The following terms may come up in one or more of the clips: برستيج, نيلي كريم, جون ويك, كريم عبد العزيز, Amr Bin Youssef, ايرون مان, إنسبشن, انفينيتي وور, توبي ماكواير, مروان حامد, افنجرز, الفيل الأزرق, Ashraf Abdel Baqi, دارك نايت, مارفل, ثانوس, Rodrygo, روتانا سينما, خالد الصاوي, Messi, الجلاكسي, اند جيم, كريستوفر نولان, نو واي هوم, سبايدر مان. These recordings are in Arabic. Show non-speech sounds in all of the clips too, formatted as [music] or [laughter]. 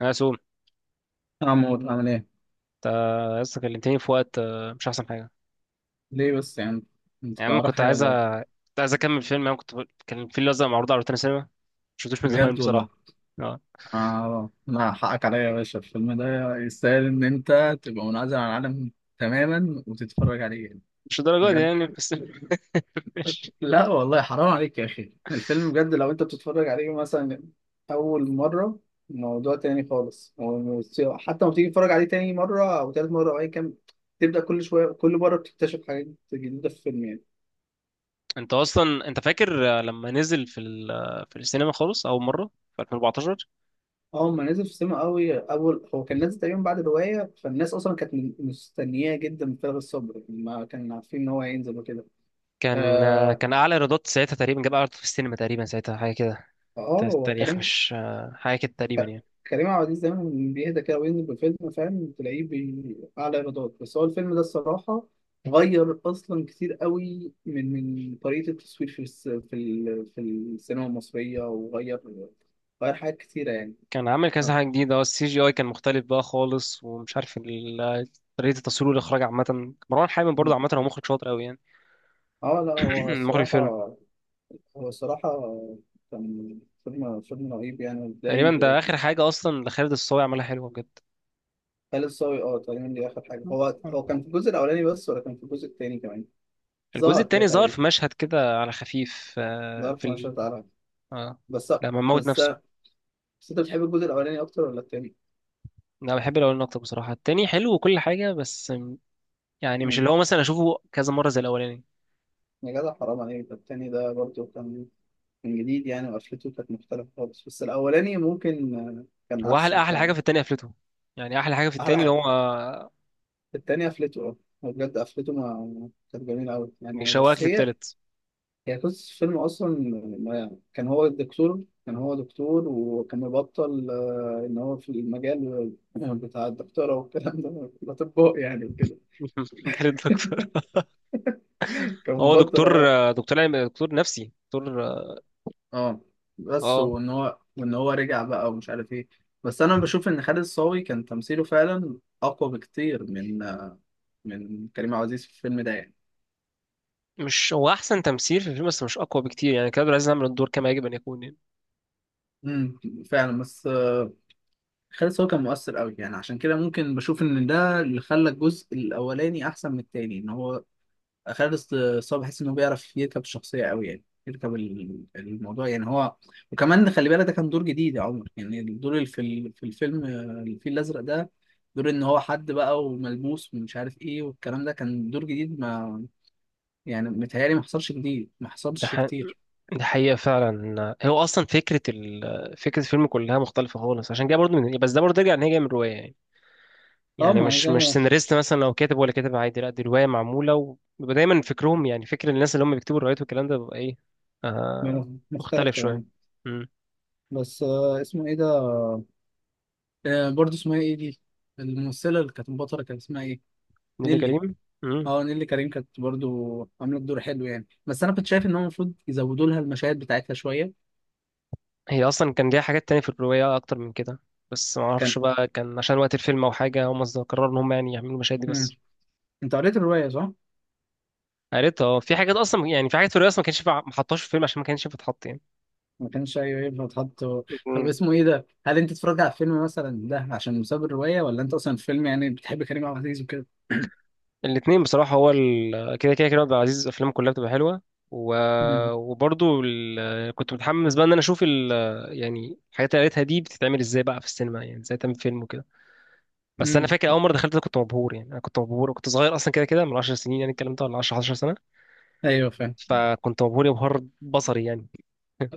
انا سوم. عمود عامل ايه؟ انت لسه كلمتني في وقت، مش احسن حاجه. ليه بس يعني؟ انت يعني كان انا وراك كنت حاجة عايز ولا ايه؟ كنت عايز اكمل فيلم. انا كنت كان الفيل الازرق معروض على روتانا سينما. مشفتوش من [laughs] زمان بجد والله؟ بصراحه. اه. اه، لا، حقك عليا يا باشا، الفيلم ده يستاهل ان انت تبقى منعزل عن العالم تماما وتتفرج عليه يعني. مش الدرجه دي بجد. يعني، بس. [laughs] ماشي. لا والله، حرام عليك يا اخي، الفيلم بجد لو انت بتتفرج عليه مثلا اول مرة موضوع تاني خالص، حتى لما تيجي تتفرج عليه تاني مرة او تالت مرة او اي كام تبدأ كل شوية، كل مرة بتكتشف حاجات جديدة في الفيلم يعني. انت اصلا، انت فاكر لما نزل في ال... آه، في السينما خالص اول مره في 2014؟ اه، هما نزل في السينما قوي اول، هو كان نازل تقريبا بعد الروايه، فالناس اصلا كانت مستنياه جدا بفارغ الصبر، ما كانوا عارفين ان هو هينزل وكده. كان آه، اه. كان اعلى ايرادات ساعتها تقريبا، جاب اعلى في السينما تقريبا ساعتها حاجه كده. هو التاريخ كريم. مش حاجه كده تقريبا يعني. كريم عبد العزيز دايما بيهدى كده وينزل بالفيلم فاهم، تلاقيه اعلى ايرادات. بس هو الفيلم ده الصراحه غير اصلا كتير قوي من طريقه التصوير في السينما المصريه، غير حاجات كتيره يعني. كان عامل اه. كذا حاجة جديدة. اه، السي جي اي كان مختلف بقى خالص، ومش عارف طريقة التصوير والإخراج عامة. مروان حامد برضه عامة هو مخرج شاطر أوي يعني. لا، [clears throat] هو مخرج الصراحه، فيلم. هو الصراحة كان فيلم رهيب يعني، تقريبا زي ده آخر حاجة أصلا لخالد الصاوي، عملها حلوة بجد. خالد صاوي. اه، تقريبا دي آخر حاجة. هو كان في الجزء الأولاني بس ولا كان في الجزء التاني كمان؟ الجزء ظهر كده التاني ظهر تقريبا، في مشهد كده على خفيف، آه، ظهر في في مشهد ال... تعالى آه. بس. لما موت بس نفسه. بس أنت بتحب الجزء الأولاني أكتر ولا التاني؟ أنا بحب الأولاني أكتر، بصراحة. التاني حلو وكل حاجة، بس يعني مش مم. اللي هو مثلا أشوفه كذا مرة زي الأولاني. يا جدع، حرام عليك، ده التاني ده برضه كان جديد يعني، وقفلته كانت مختلفة خالص. بس الأولاني ممكن كان هو أحلى أحسن أحلى حاجة فعلا. في التاني قفلته. يعني أحلى حاجة في أحلى التاني اللي حاجة هو، التاني قفلته، اه. هو بجد قفلته ما كانت جميلة أوي يعني. بيشوقك بس هي للتالت. هي قصة الفيلم أصلا. كان هو دكتور، وكان مبطل، إن هو في المجال بتاع الدكتورة والكلام ده، الأطباء يعني وكده. [laughs] جالد دكتور. [laughs] كان هو مبطل دكتور، هو. دكتور علم، دكتور نفسي، دكتور. اه. بس اه، وإن هو رجع بقى، ومش عارف إيه. بس أنا بشوف إن خالد الصاوي كان تمثيله فعلا أقوى بكتير من كريم عبد العزيز في الفيلم ده يعني. مش هو احسن تمثيل في الفيلم؟ بس مش اقوى بكتير يعني، كان عايز يعمل الدور كما يجب ان يكون يعني. امم. فعلا بس خالد هو كان مؤثر قوي يعني. عشان كده ممكن بشوف ان ده اللي خلى الجزء الاولاني احسن من التاني، ان هو خالد الصاوي بحس انه بيعرف يركب الشخصيه قوي يعني، يركب الموضوع يعني هو. وكمان خلي بالك ده كان دور جديد يا عمر يعني. الدور اللي في الفيلم الفيل الازرق ده، دور ان هو حد بقى وملموس ومش عارف ايه والكلام ده، كان دور جديد ما يعني. متهيألي ما حصلش جديد، ما ده حصلش ح... كتير. ده حقيقة فعلا. هو اصلا فكرة فكرة الفيلم كلها مختلفة خالص، عشان كده برضه يعني، بس ده برضه يرجع ان هي جاية من رواية يعني. اه. يعني ما هي مش جا- سيناريست مثلا لو كاتب ولا كاتب عادي، لا دي رواية معمولة. وبيبقى دايما فكرهم، يعني فكر الناس اللي هم بيكتبوا الروايات والكلام ده بيبقى ايه، آه... مختلف مختلف شوية. تماما. امم. بس اسمه ايه ده، برضو اسمها ايه دي، الممثلة اللي كانت بطلة كان اسمها ايه؟ نيلي نيلي. كريم. امم. اه، نيلي كريم كانت برضو عملت دور حلو يعني، بس انا كنت شايف ان هو المفروض يزودوا لها المشاهد بتاعتها شوية. هي اصلا كان ليها حاجات تانية في الرواية، اكتر من كده. بس ما كان. اعرفش بقى، كان عشان وقت الفيلم او حاجة، هم قرروا ان هم يعني يعملوا المشاهد دي مم. بس. انت قريت الرواية صح؟ قريتها. اه، في حاجات اصلا يعني، في حاجات في الرواية اصلا ما كانش ينفع- ما حطهاش في الفيلم عشان ما كانش ينفع تتحط يعني. ما كانش، ايوه، ينفع تحط. طب مم. اسمه ايه ده؟ هل انت اتفرجت على الفيلم مثلا ده عشان بسبب الرواية، ولا انت اصلا الفيلم يعني بتحب كريم عبد العزيز وكده؟ الاثنين بصراحة. هو كده كده كريم عبد العزيز أفلامه كلها بتبقى حلوة و... مم. وبرضه كنت متحمس بقى إن أنا أشوف يعني الحاجات اللي قريتها دي بتتعمل إزاي بقى في السينما، يعني إزاي تعمل فيلم وكده. بس أنا مم. فاكر أول مرة دخلت ده كنت مبهور يعني. أنا كنت مبهور وكنت صغير أصلا، كده كده من 10 سنين يعني الكلام ده، ولا 10 11 سنة. ايوه، فاهم. فكنت مبهور يبهر بصري يعني.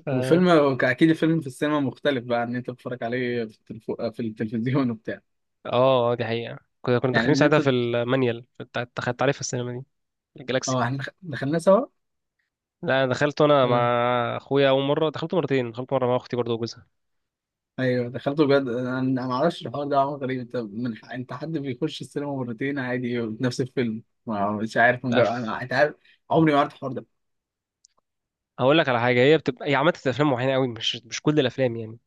ف وفيلم، اكيد الفيلم في السينما مختلف بقى عن ان انت بتتفرج عليه في التلفزيون وبتاع. اه، دي حقيقة. كنا يعني داخلين ان ساعتها انت. في المانيال بتاع، دخلت عليه في السينما دي. الجلاكسي. اه. احنا دخلنا سوا. لا، أنا دخلته انا مع آه، اخويا اول مرة. دخلته مرتين، دخلت مرة مع اختي برضه وجوزها. ايوه، دخلته بجد، انا ما اعرفش الحوار ده، عمل غريب. انت انت حد بيخش السينما مرتين عادي نفس الفيلم؟ ما مش عارف أف... انا، انت عارف عمري ما عرفت الحوار ده. هقول لك على حاجة، هي عملت في افلام معينة قوي، مش مش كل الافلام يعني.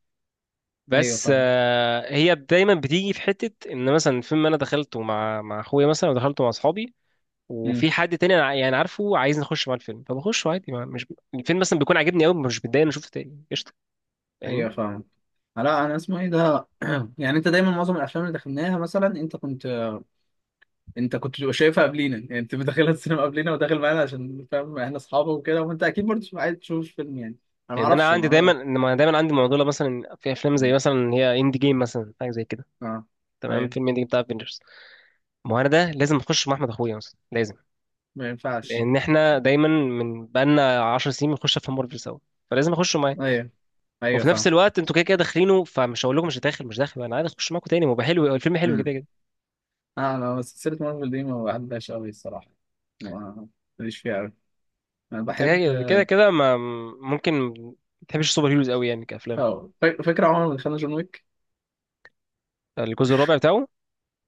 ايوه، بس فاهم. هي دايما بتيجي في حتة ان مثلا فيلم انا دخلته مع اخويا مثلا، ودخلته مع اصحابي. امم. وفي حد تاني أنا، يعني عارفه عايز نخش مع الفيلم، فبخش عادي. مش الفيلم مثلا بيكون عاجبني قوي، مش بتضايق إن أنا شفته تاني. قشطة، فاهمني؟ ايوه، فاهم. لا، انا اسمه ايه ده، [clears throat] يعني انت دايما معظم الافلام اللي دخلناها مثلا انت كنت بتبقى شايفها قبلينا. يعني انت داخلها السينما قبلينا وداخل معانا عشان فاهم احنا اصحابه وكده، وانت اكيد برضه تبقى عايز تشوف فيلم يعني. انا ما لان انا اعرفش، عندي دايما، ما أعرف- إنما دايما عندي معضله مثلا في افلام زي مم. مثلا اللي هي اند جيم مثلا، حاجه زي كده. اه. تمام، ايوه، فيلم اند جيم بتاع افنجرز. ما هو انا ده لازم اخش مع احمد اخويا مثلا، لازم. ما ينفعش. لان احنا دايما، من بقالنا 10 سنين بنخش افلام مارفل سوا، فلازم اخش معاه. ايوه، ايوه، وفي نفس فاهم. الوقت انتوا كده كده داخلينه، فمش هقول لكم مش داخل مش داخل، انا عادي اخش معاكم تاني. ما هو بقى حلو، الفيلم حلو مم. كده كده. اه، انا سلسلة مارفل دي ما بعدهاش قوي الصراحة. ما ماليش فيها قوي. انا انت كده بحب. كده كده كده، ما ممكن ما تحبش السوبر هيروز قوي يعني كافلام. اه، فاكر عمر اللي خلى جون ويك. الجزء الرابع بتاعه.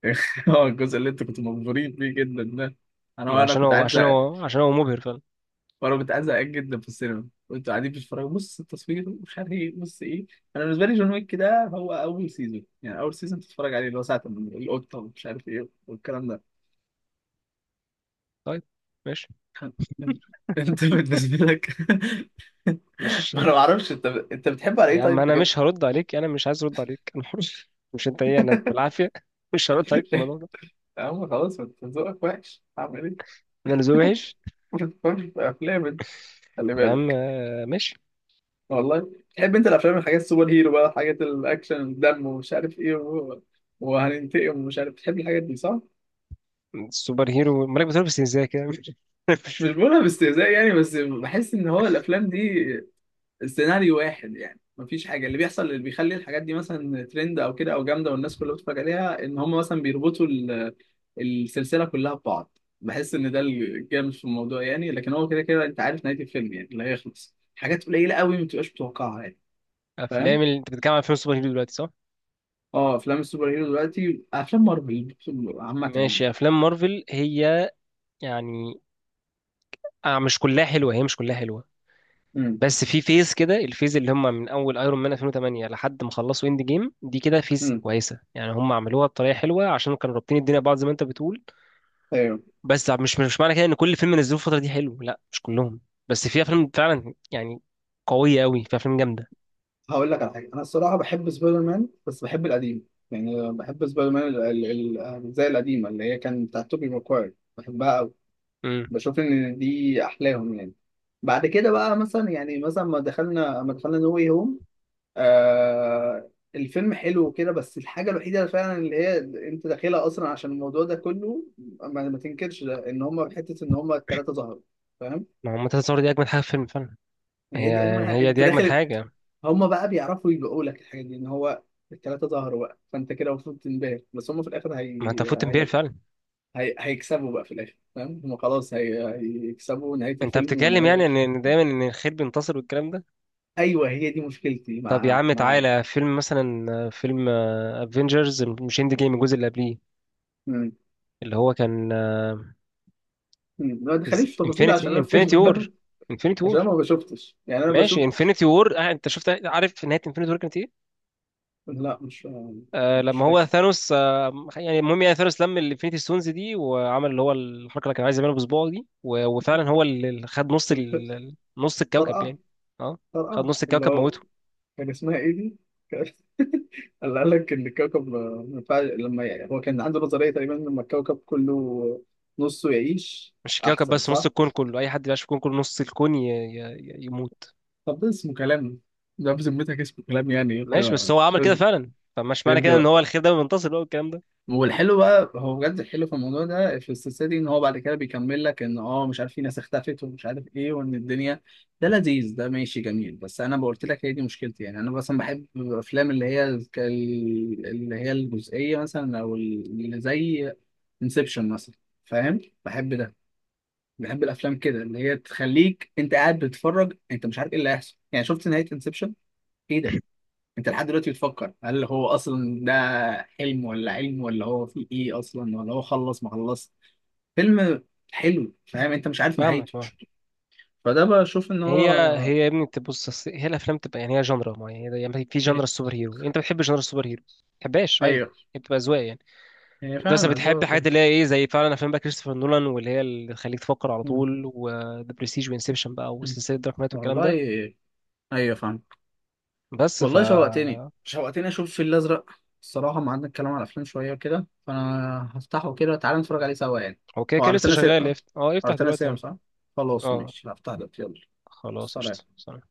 [laughs] هو الجزء اللي انت كنت مبهورين بيه جدا ده، انا ما وانا عشان كنت هو قاعد عشان زهقان. هو عشان هو مبهر فعلا. وانا كنت قاعد زهقان جدا في السينما، وانتوا قاعدين بتتفرجوا، بص التصوير مش عارف ايه، بص ايه. انا بالنسبه لي جون ويك ده هو اول سيزون يعني، اول سيزون تتفرج عليه اللي هو ساعه ما القطه ومش عارف ايه والكلام ده. طيب، ماشي. [laughs] انت بالنسبه لك [laughs] مش ما انا ما اعرفش، انت بتحب على يا ايه عم، طيب انا بجد؟ مش هرد عليك، انا مش عايز ارد عليك، انا حر. [laughs] مش انت ايه؟ انا بالعافيه. [laughs] مش هرد عليك [laughs] في الموضوع ده. يا عم خلاص، ما انت ذوقك وحش، هعمل ايه؟ انا اللي ذوقي وحش؟ [laughs] ما تفهمش في افلام انت، خلي يا عم، بالك. ماشي. والله تحب انت الافلام، الحاجات السوبر هيرو بقى، حاجات الاكشن، الدم ومش عارف ايه، وهننتقم ومش عارف، تحب الحاجات دي صح. السوبر هيرو مالك بتقول، بس ازاي كده؟ [laughs] مش بقولها باستهزاء يعني، بس بحس ان هو الافلام دي سيناريو واحد يعني، مفيش حاجه اللي بيحصل اللي بيخلي الحاجات دي مثلا ترند او كده او جامده والناس كلها بتتفرج عليها، ان هم مثلا بيربطوا السلسله كلها ببعض، بحس ان ده الجامد في الموضوع يعني. لكن هو كده كده انت عارف نهايه الفيلم يعني، اللي هيخلص. حاجات قليله قوي ما بتبقاش متوقعها يعني. فاهم. افلام انت بتتكلم عن فيلم السوبر هيرو دلوقتي، صح؟ اه، افلام السوبر هيرو دلوقتي، افلام مارفل عامه يعني. ماشي، افلام مارفل هي يعني، مش كلها حلوه، هي مش كلها حلوه. امم. بس في فيز كده، الفيز اللي هم من اول ايرون مان 2008 لحد ما خلصوا اند جيم دي، كده فيز كويسه يعني. هم عملوها بطريقه حلوه عشان كانوا رابطين الدنيا ببعض زي ما انت بتقول. امم. بس مش معنى كده ان كل فيلم نزلوه الفتره دي حلو، لا مش كلهم. بس في افلام فعلا يعني، قويه قوي، في افلام جامده. هقول لك على حاجه، انا الصراحه بحب سبايدر مان، بس بحب القديم يعني. بحب سبايدر مان زي القديمه اللي هي كانت بتاعت توبي ماكواير، بحبها قوي. امم. بشوف ان دي احلاهم يعني. بعد كده بقى مثلا يعني مثلا ما دخلنا نو واي هوم. آه، الفيلم حلو وكده، بس الحاجه الوحيده فعلا اللي هي انت داخلها اصلا عشان الموضوع ده كله، ما تنكرش ده، ان هم حته ان هم الثلاثه ظهروا. فاهم. ما هو منتهى الصور دي اجمد حاجه في الفيلم فعلا. هي هي دي اجمل حاجة. هي انت دي اجمد داخل، حاجه. هم بقى بيعرفوا يبيعوا لك الحاجه دي. ان هو الثلاثه ظهروا بقى فانت كده المفروض تنبهر. بس هم في الاخر ما انت فوت امبير فعلا. هيكسبوا بقى في الاخر فاهم. هم خلاص هيكسبوا نهايه انت الفيلم بتتكلم ونهايه. يعني إن دايما ان الخير بينتصر والكلام ده. ايوه هي دي مشكلتي طب يا مع عم معاه تعالى، فيلم مثلا فيلم افنجرز، مش اند جيم الجزء اللي قبليه. مم. اللي هو كان مم. ما تخليش في تفاصيل عشان انا الفيلم انفينيتي ده، وور. انفينيتي عشان انا وور. ما بشوفتش يعني، انا ماشي، بشوف. انفينيتي وور، انت شفت؟ عارف نهايه انفينيتي وور كانت ايه؟ لا، مش آه. مش لما هو فاكر. ثانوس، يعني المهم، يعني ثانوس لم الانفينيتي ستونز دي وعمل اللي هو الحركه اللي كان عايز يعملها بصباعه دي، و- وفعلا هو اللي خد [laughs] نص الكوكب طرقع. يعني. اه، خد طرقع نص اللي الكوكب، هو، موته. كان اسمها ايه دي؟ كان- [laughs] اللي قال لك ان الكوكب، ما ينفعش لما يعني هو كان عنده نظريه تقريبا لما الكوكب كله نصه يعيش مش الكوكب احسن بس، نص صح؟ الكون كله، اي حد بيعيش في الكون كله نص الكون يموت. طب ده اسمه كلام؟ ده بذمتك اسمه كلام يعني؟ ماشي، بس هو عمل كده يرضي، فعلا، فمش معنى يرضي. كده ان هو الخير ده بينتصر بقى والكلام ده. والحلو بقى هو بجد الحلو في الموضوع ده، في السلسله دي، ان هو بعد كده بيكمل لك ان اه مش عارف في ناس اختفت ومش عارف ايه، وان الدنيا. ده لذيذ، ده ماشي جميل. بس انا قلت لك، هي دي مشكلتي يعني. انا مثلا بحب الافلام اللي هي اللي هي الجزئيه مثلا، او اللي زي انسبشن مثلا. فاهم؟ بحب ده. بحب الافلام كده اللي هي تخليك انت قاعد بتتفرج انت مش عارف ايه اللي هيحصل يعني. شفت نهايه انسبشن؟ ايه ده. انت لحد دلوقتي بتفكر هل هو اصلا ده حلم ولا علم ولا هو في ايه اصلا ولا هو خلص ما خلص. فيلم حلو فاهم، انت مش عارف فاهمك. نهايته. اه. فده بشوف ان هو هي هي يا ابني تبص، أصل هي الافلام تبقى يعني، هي جنرا معينه يعني، في جنرا إيه- السوبر هيرو، انت بتحب جنرا السوبر هيرو ما بتحبهاش، عادي. ايوه، هي بتبقى اذواق يعني. هي انت بس فعلا بتحب اذواق حاجات كده. اللي هي ايه، زي فعلا افلام بقى كريستوفر نولان، واللي هي اللي تخليك تفكر على مم. طول، وذا برستيج وانسبشن بقى، مم. وسلسله دارك نايت والكلام والله. ده. ايوه، فاهم. بس. والله، شوقتني، شوقتني اشوف الفيل الازرق. الصراحه ما عندنا الكلام على الافلام شويه وكده، فانا هفتحه كده. تعالى نتفرج عليه سوا يعني. اوكي، هو كده لسه عروتنا شغال، سينما؟ اه يفتح عروتنا دلوقتي سينما يعني؟ صح. خلاص اه، ماشي، هفتح ده يلا. خلاص. قشطه. سلام سلام.